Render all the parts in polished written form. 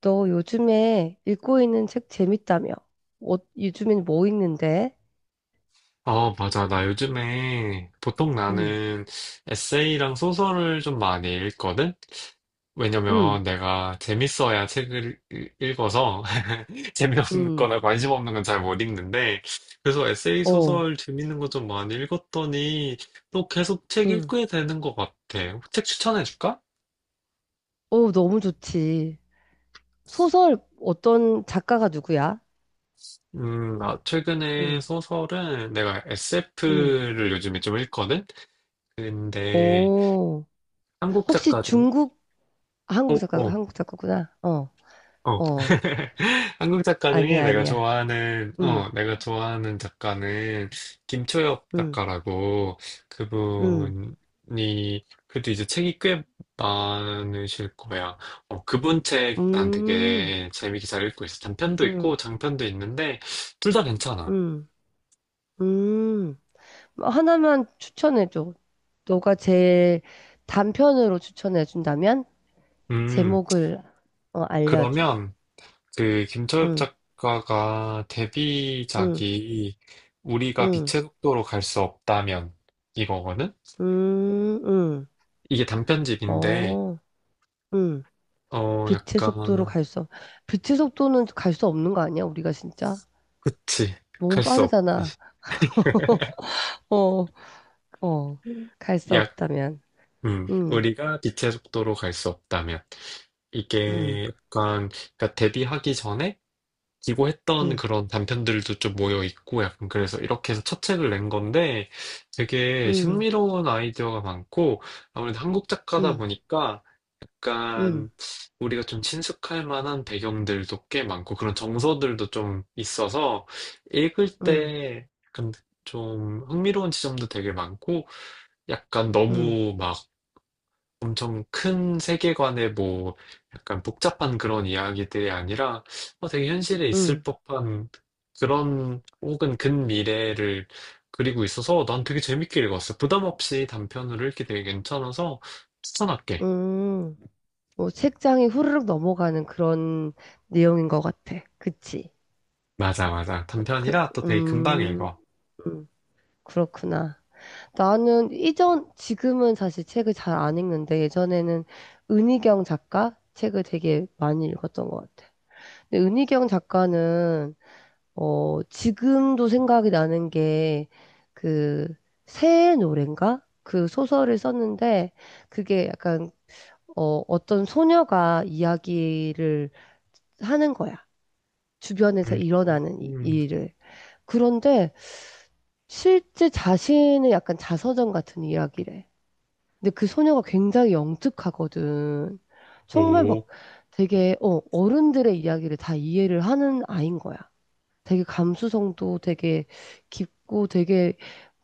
너 요즘에 읽고 있는 책 재밌다며? 어, 요즘엔 뭐 읽는데? 아, 맞아. 나 요즘에 보통 응, 나는 에세이랑 소설을 좀 많이 읽거든? 응, 왜냐면 내가 재밌어야 읽어서 응, 재미없거나 관심 없는 건 잘 못 읽는데 그래서 에세이 어, 소설 재밌는 거 좀 많이 읽었더니 또 계속 책 응. 읽게 되는 것 같아. 책 추천해 줄까? 어, 너무 좋지. 소설 어떤 작가가 누구야? 나 최근에 응, 소설은 내가 응. SF를 요즘에 좀 읽거든? 근데 어, 한국 혹시 작가 중, 중국, 어, 한국 작가, 어. 한국 작가구나. 어, 어. 어. 한국 작가 중에 아니야, 아니야. 응, 내가 좋아하는 작가는 김초엽 응, 작가라고 응. 그분이, 그래도 이제 책이 꽤 많으실 거야. 어, 그분 책 난 음, 되게 재밌게 잘 읽고 있어. 단편도 있고 음, 장편도 있는데, 둘 다 괜찮아. 음, 음. 하나만 추천해줘. 너가 제일 단편으로 추천해준다면 음, 제목을 어, 알려줘. 그러면 그 김초엽 응, 작가가 응, 데뷔작이 우리가 응, 빛의 속도로 갈 수 없다면, 이거거든? 응, 응. 이게 단편집인데, 어, 응. 어, 빛의 속도로 약간, 갈 수, 없- 빛의 속도는 갈 수 없는 거 아니야? 우리가 진짜? 그치. 너무 갈 수 없, 빠르잖아. 어, 어, 갈 수 약, 없다면. 응, 우리가 빛의 속도로 갈 수 없다면. 응, 이게 약간, 그러니까 데뷔하기 전에 기고했던 응, 그런 단편들도 좀 모여 있고 약간 그래서 이렇게 해서 첫 책을 낸 건데 되게 응, 신미로운 아이디어가 많고 아무래도 한국 작가다 응, 보니까 응, 약간 우리가 좀 친숙할 만한 배경들도 꽤 많고 그런 정서들도 좀 있어서 읽을 응, 때 약간 좀 흥미로운 지점도 되게 많고 약간 응, 너무 막 엄청 큰 세계관의 뭐 약간 복잡한 그런 이야기들이 아니라 어, 되게 현실에 있을 응, 법한 그런 혹은 근미래를 그리고 있어서 난 되게 재밌게 읽었어. 부담 없이 단편으로 읽기 되게 괜찮아서 추천할게. 응. 뭐 책장이 후루룩 넘어가는 그런 내용인 것 같아. 그치? 맞아, 맞아. 그, 그- 단편이라 또 되게 금방 음, 읽어. 음, 그렇구나. 나는 이전, 지금은 사실 책을 잘 안 읽는데 예전에는 은희경 작가 책을 되게 많이 읽었던 것 같아. 근데 은희경 작가는 어, 지금도 생각이 나는 게, 그, 새의 노래인가? 그 소설을 썼는데, 그게 약간, 어, 어떤 소녀가 이야기를 하는 거야. 주변에서 음, 일어나는 음. 일을. 그런데 실제 자신의 약간 자서전 같은 이야기래. 근데 그 소녀가 굉장히 영특하거든. 정말 오, 막 되게 어, 어른들의 이야기를 다 이해를 하는 아인 거야. 되게 감수성도 되게 깊고 되게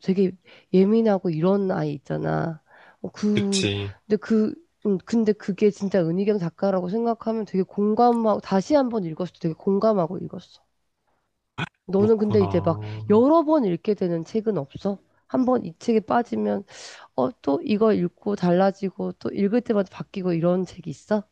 되게 예민하고 이런 아이 있잖아. 어, 그 그치. 근데 그 근데 그게 진짜 은희경 작가라고 생각하면 되게 공감하고 다시 한 번 읽었을 때 되게 공감하고 읽었어. 너는 근데 이제 막 그렇구나. 여러 번 읽게 되는 책은 없어? 한 번 이 책에 빠지면, 어, 또 이거 읽고 달라지고, 또 읽을 때마다 바뀌고 이런 책이 있어?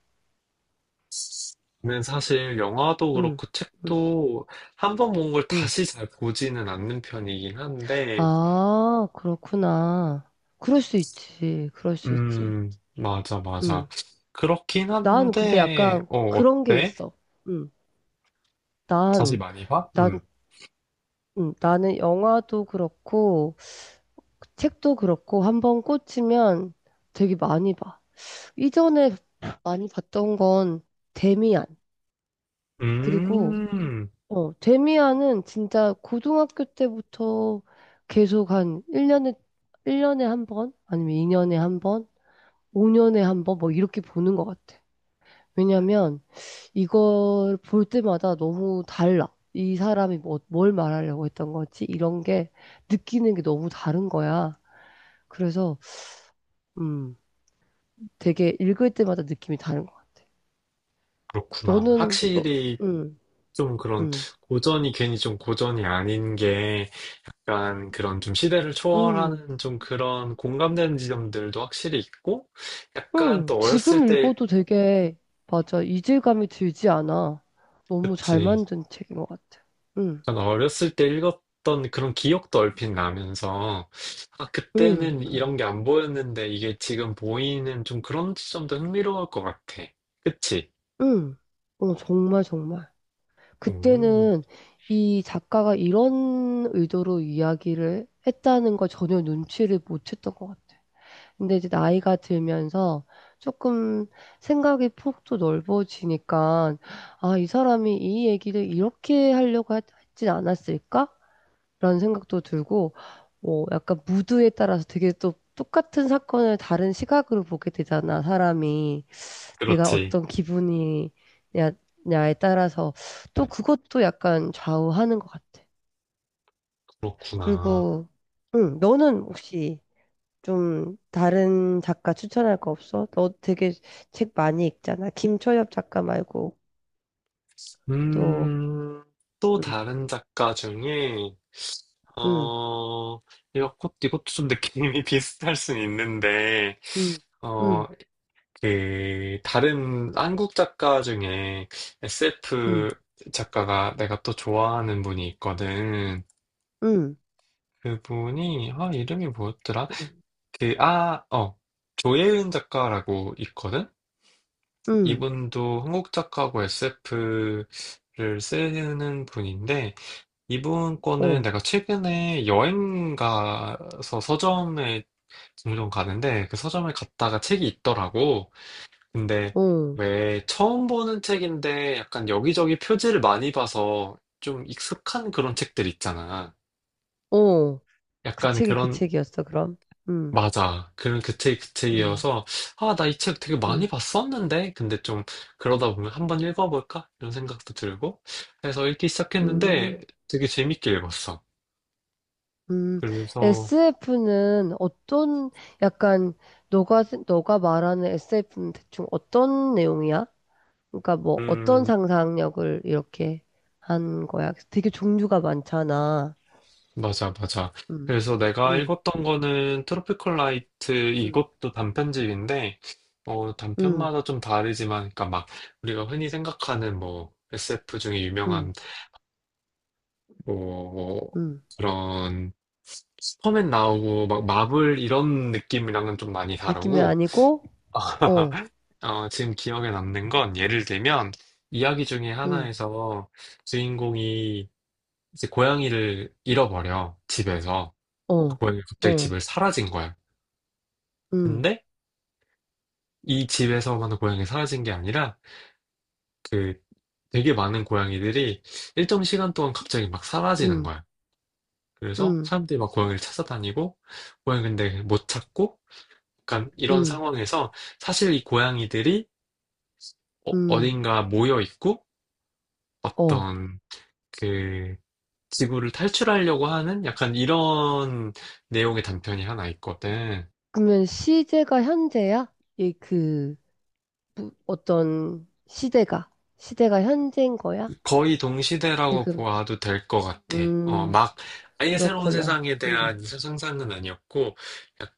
는 사실 영화도 응, 그렇고 응, 책도 한번 본 걸 응. 다시 잘 보지는 않는 편이긴 한데, 아, 그렇구나. 그럴 수 있지. 그럴 수 있지. 음, 맞아, 맞아. 응. 그렇긴 난 근데 한데, 약간 어, 그런 게 어때? 있어. 응. 자세 난, 많이 봐? 음. 난, 응. 나는 영화도 그렇고, 책도 그렇고, 한 번 꽂히면 되게 많이 봐. 이전에 많이 봤던 건 데미안. 그리고 음, 어, 데미안은 진짜 고등학교 때부터 계속 한 1년에 한 번, 아니면 2년에 한 번, 5년에 한 번 뭐 이렇게 보는 것 같아. 왜냐면 이걸 볼 때마다 너무 달라. 이 사람이 뭘 말하려고 했던 거지? 이런 게 느끼는 게 너무 다른 거야. 그래서 음, 되게 읽을 때마다 느낌이 다른 것 같아. 그렇구나. 너는 너 확실히 음, 좀 그런 음, 고전이 괜히 좀 고전이 아닌 게 약간 그런 좀 시대를 음. 초월하는 좀 그런 공감되는 지점들도 확실히 있고, 약간 응, 또 어렸을 지금 때, 읽어도 되게, 맞아, 이질감이 들지 않아. 너무 잘 그치. 만든 책인 것 같아. 응, 약간 어렸을 때 읽었던 그런 기억도 얼핏 나면서, 아, 응, 그때는 이런 게 안 보였는데 이게 지금 보이는 좀 그런 지점도 흥미로울 것 같아. 그치? 응. 어, 정말, 정말. 음, 그때는 이 작가가 이런 의도로 이야기를 했다는 걸 전혀 눈치를 못 챘던 것 같아. 근데 이제 나이가 들면서 조금 생각의 폭도 넓어지니까, 아, 이 사람이 이 얘기를 이렇게 했진 않았을까? 라는 생각도 들고, 어, 약간 무드에 따라서 되게 또 똑같은 사건을 다른 시각으로 보게 되잖아, 사람이. 내가 그렇지. 어떤 냐에 따라서 또 그것도 약간 좌우하는 것 같아. 그렇구나. 그리고, 응, 너는 혹시 좀 다른 작가 추천할 거 없어? 너 되게 책 많이 읽잖아. 김초엽 작가 말고 또, 음, 또 응, 다른 작가 중에, 응, 어, 이것, 이것도 좀 느낌이 비슷할 순 있는데, 응, 어, 응, 그 다른 한국 작가 중에 SF 응, 작가가 내가 또 좋아하는 분이 있거든. 응, 그분이 아 이름이 뭐였더라? 응, 응, 그 아, 어. 조예은 작가라고 있거든. 응, 이분도 한국 작가고 SF를 쓰는 분인데 이분 거는 어, 내가 최근에 여행 가서 서점에 종종 가는데 그 서점에 갔다가 책이 있더라고. 근데 어, 왜 처음 보는 책인데 약간 여기저기 표지를 많이 봐서 좀 익숙한 그런 책들 있잖아. 어. 그 약간 책이 그 그런, 책이었어, 그럼? 음, 맞아. 그 음, 책이어서, 아, 나 이 책 되게 많이 음, 봤었는데? 근데 좀 그러다 보면 한번 읽어볼까? 이런 생각도 들고. 그래서 읽기 시작했는데 음, 되게 재밌게 읽었어. 음. 그래서, SF는 어떤, 약간, 너가 말하는 SF는 대충 어떤 내용이야? 그러니까 뭐, 어떤 음, 상상력을 이렇게 한 거야? 되게 종류가 많잖아. 맞아, 맞아. 음, 그래서 내가 음, 읽었던 거는 트로피컬 라이트 음, 이것도 단편집인데 어 음, 단편마다 좀 다르지만 그러니까 막 우리가 흔히 생각하는 뭐 SF 중에 유명한 음, 뭐 음. 그런 슈퍼맨 나오고 막 마블 이런 느낌이랑은 좀 많이 느낌이 다르고 아니고, 어, 어, 지금 기억에 남는 건 예를 들면 이야기 중에 음, 하나에서 주인공이 이제 고양이를 잃어버려 집에서 어, 고양이 갑자기 어, 집을 사라진 거야. 음, 근데 이 집에서만 고양이 사라진 게 아니라 그 되게 많은 고양이들이 일정 시간 동안 갑자기 막 사라지는 음, 거야. 그래서 음, 사람들이 막 고양이를 찾아다니고 고양이 근데 못 찾고 약간 이런 음, 상황에서 사실 이 고양이들이 어, 음, 딘가 모여 있고 어. 어떤 그 지구를 탈출하려고 하는 약간 이런 내용의 단편이 하나 있거든. 그러면 시제가 현재야? 이 그, 어떤 시대가, 시대가 현재인 거야? 거의 동시대라고 지금. 봐도 될 것 같아. 어, 음, 막 아예 새로운 그렇구나. 세상에 대한 상상은 아니었고,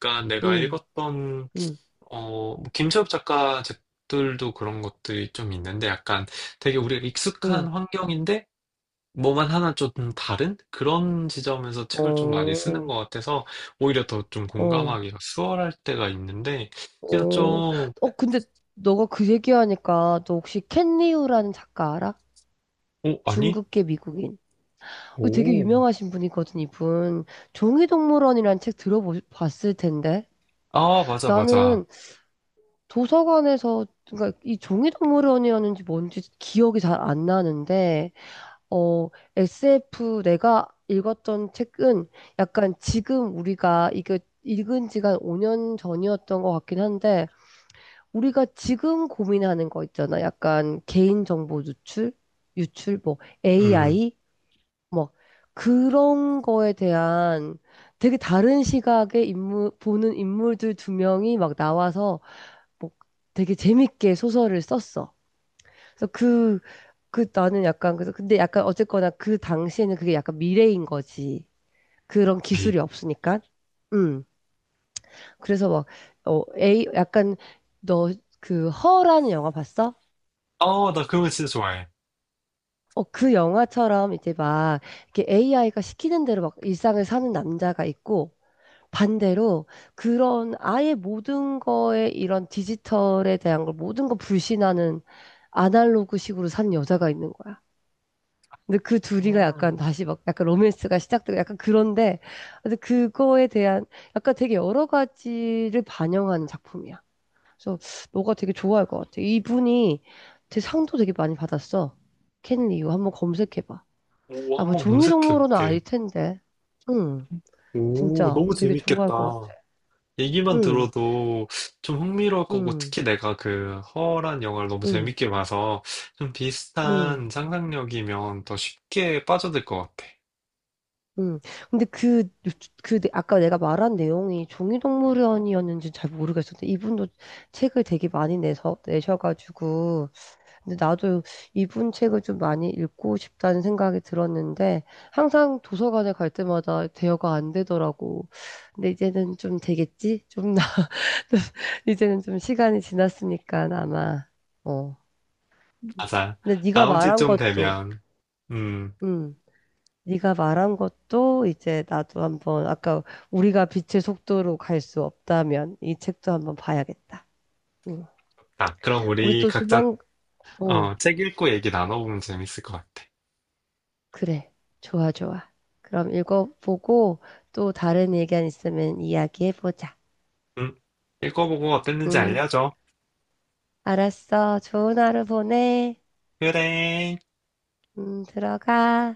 약간 내가 음, 읽었던 음, 어, 뭐 김철업 작가 책들도 그런 것들이 좀 있는데 약간 되게 우리가 익숙한 음. 환경인데 뭐만 하나 좀 다른 그런 지점에서 책을 좀 많이 어, 쓰는 것 같아서 오히려 더 좀 어, 공감하기가 수월할 때가 있는데 그래서 어. 좀, 어, 근데 너가 그 얘기하니까 너 혹시 켄 리우라는 작가 알아? 오, 아니? 중국계 미국인. 어, 되게 오. 유명하신 분이거든, 이분. 종이동물원이라는 책 들어봤을 텐데. 아, 맞아, 맞아. 나는 도서관에서 그러니까 이 종이동물원이었는지 뭔지 기억이 잘 안 나는데 어 SF 내가 읽었던 책은 약간 지금 우리가 이거 읽은 지가 한 5년 전이었던 것 같긴 한데 우리가 지금 고민하는 거 있잖아. 약간 개인정보 유출, 뭐 음. AI 뭐 그런 거에 대한 되게 다른 시각의 인물 보는 인물들 두 명이 막 나와서 뭐 되게 재밌게 소설을 썼어. 그래서 그 나는 약간 그래서 근데 약간 어쨌거나 그 당시에는 그게 약간 미래인 거지. 그런 네. 기술이 없으니까. 음. 그래서 막, 어, 에이, 약간 너 그 허라는 영화 봤어? 아, 나 그런 거 진짜 좋아해. 어, 그 영화처럼 이제 막 이렇게 AI가 시키는 대로 막 일상을 사는 남자가 있고 반대로 그런 아예 모든 거에 이런 디지털에 대한 걸 모든 거 불신하는 아날로그식으로 산 여자가 있는 거야. 근데 그 아, 둘이가 약간 다시 막 약간 로맨스가 시작되고 약간 그런데 근데 그거에 대한 약간 되게 여러 가지를 반영하는 작품이야. 그래서 너가 되게 좋아할 것 같아. 이분이 되게 상도 되게 많이 받았어. 켄 리우 한번 검색해봐. 오, 아, 뭐 한번 검색해 종이동무로는 아닐 볼게. 텐데. 응, 오, 진짜 너무 되게 좋아할 것 재밌겠다. 같아. 얘기만 응, 들어도 좀 흥미로울 거고, 응, 특히 내가 그 허란 영화를 너무 응, 재밌게 봐서 좀 응. 비슷한 상상력이면 더 쉽게 빠져들 것 같아. 음. 근데 아까 내가 말한 내용이 종이동물원이었는지 잘 모르겠었는데, 이분도 책을 되게 많이 내서, 내셔가지고, 근데 나도 이분 책을 좀 많이 읽고 싶다는 생각이 들었는데, 항상 도서관에 갈 때마다 대여가 안 되더라고. 근데 이제는 좀 되겠지? 좀, 나, 이제는 좀 시간이 지났으니까 아마, 어. 맞아. 근데 네가 나온 지 말한 좀 것도, 되면. 음. 음. 네가 말한 것도 이제 나도 한번 아까 우리가 빛의 속도로 갈 수 없다면 이 책도 한번 봐야겠다. 응. 아, 그럼 우리 우리 또 각자, 조만 어, 어 책 읽고 얘기 나눠보면 재밌을 것 같아. 그래 좋아 좋아. 그럼 읽어보고 또 다른 의견 있으면 이야기해보자. 응? 읽어보고 어땠는지 응 알려줘. 알았어. 좋은 하루 보내. 그래. 응 들어가.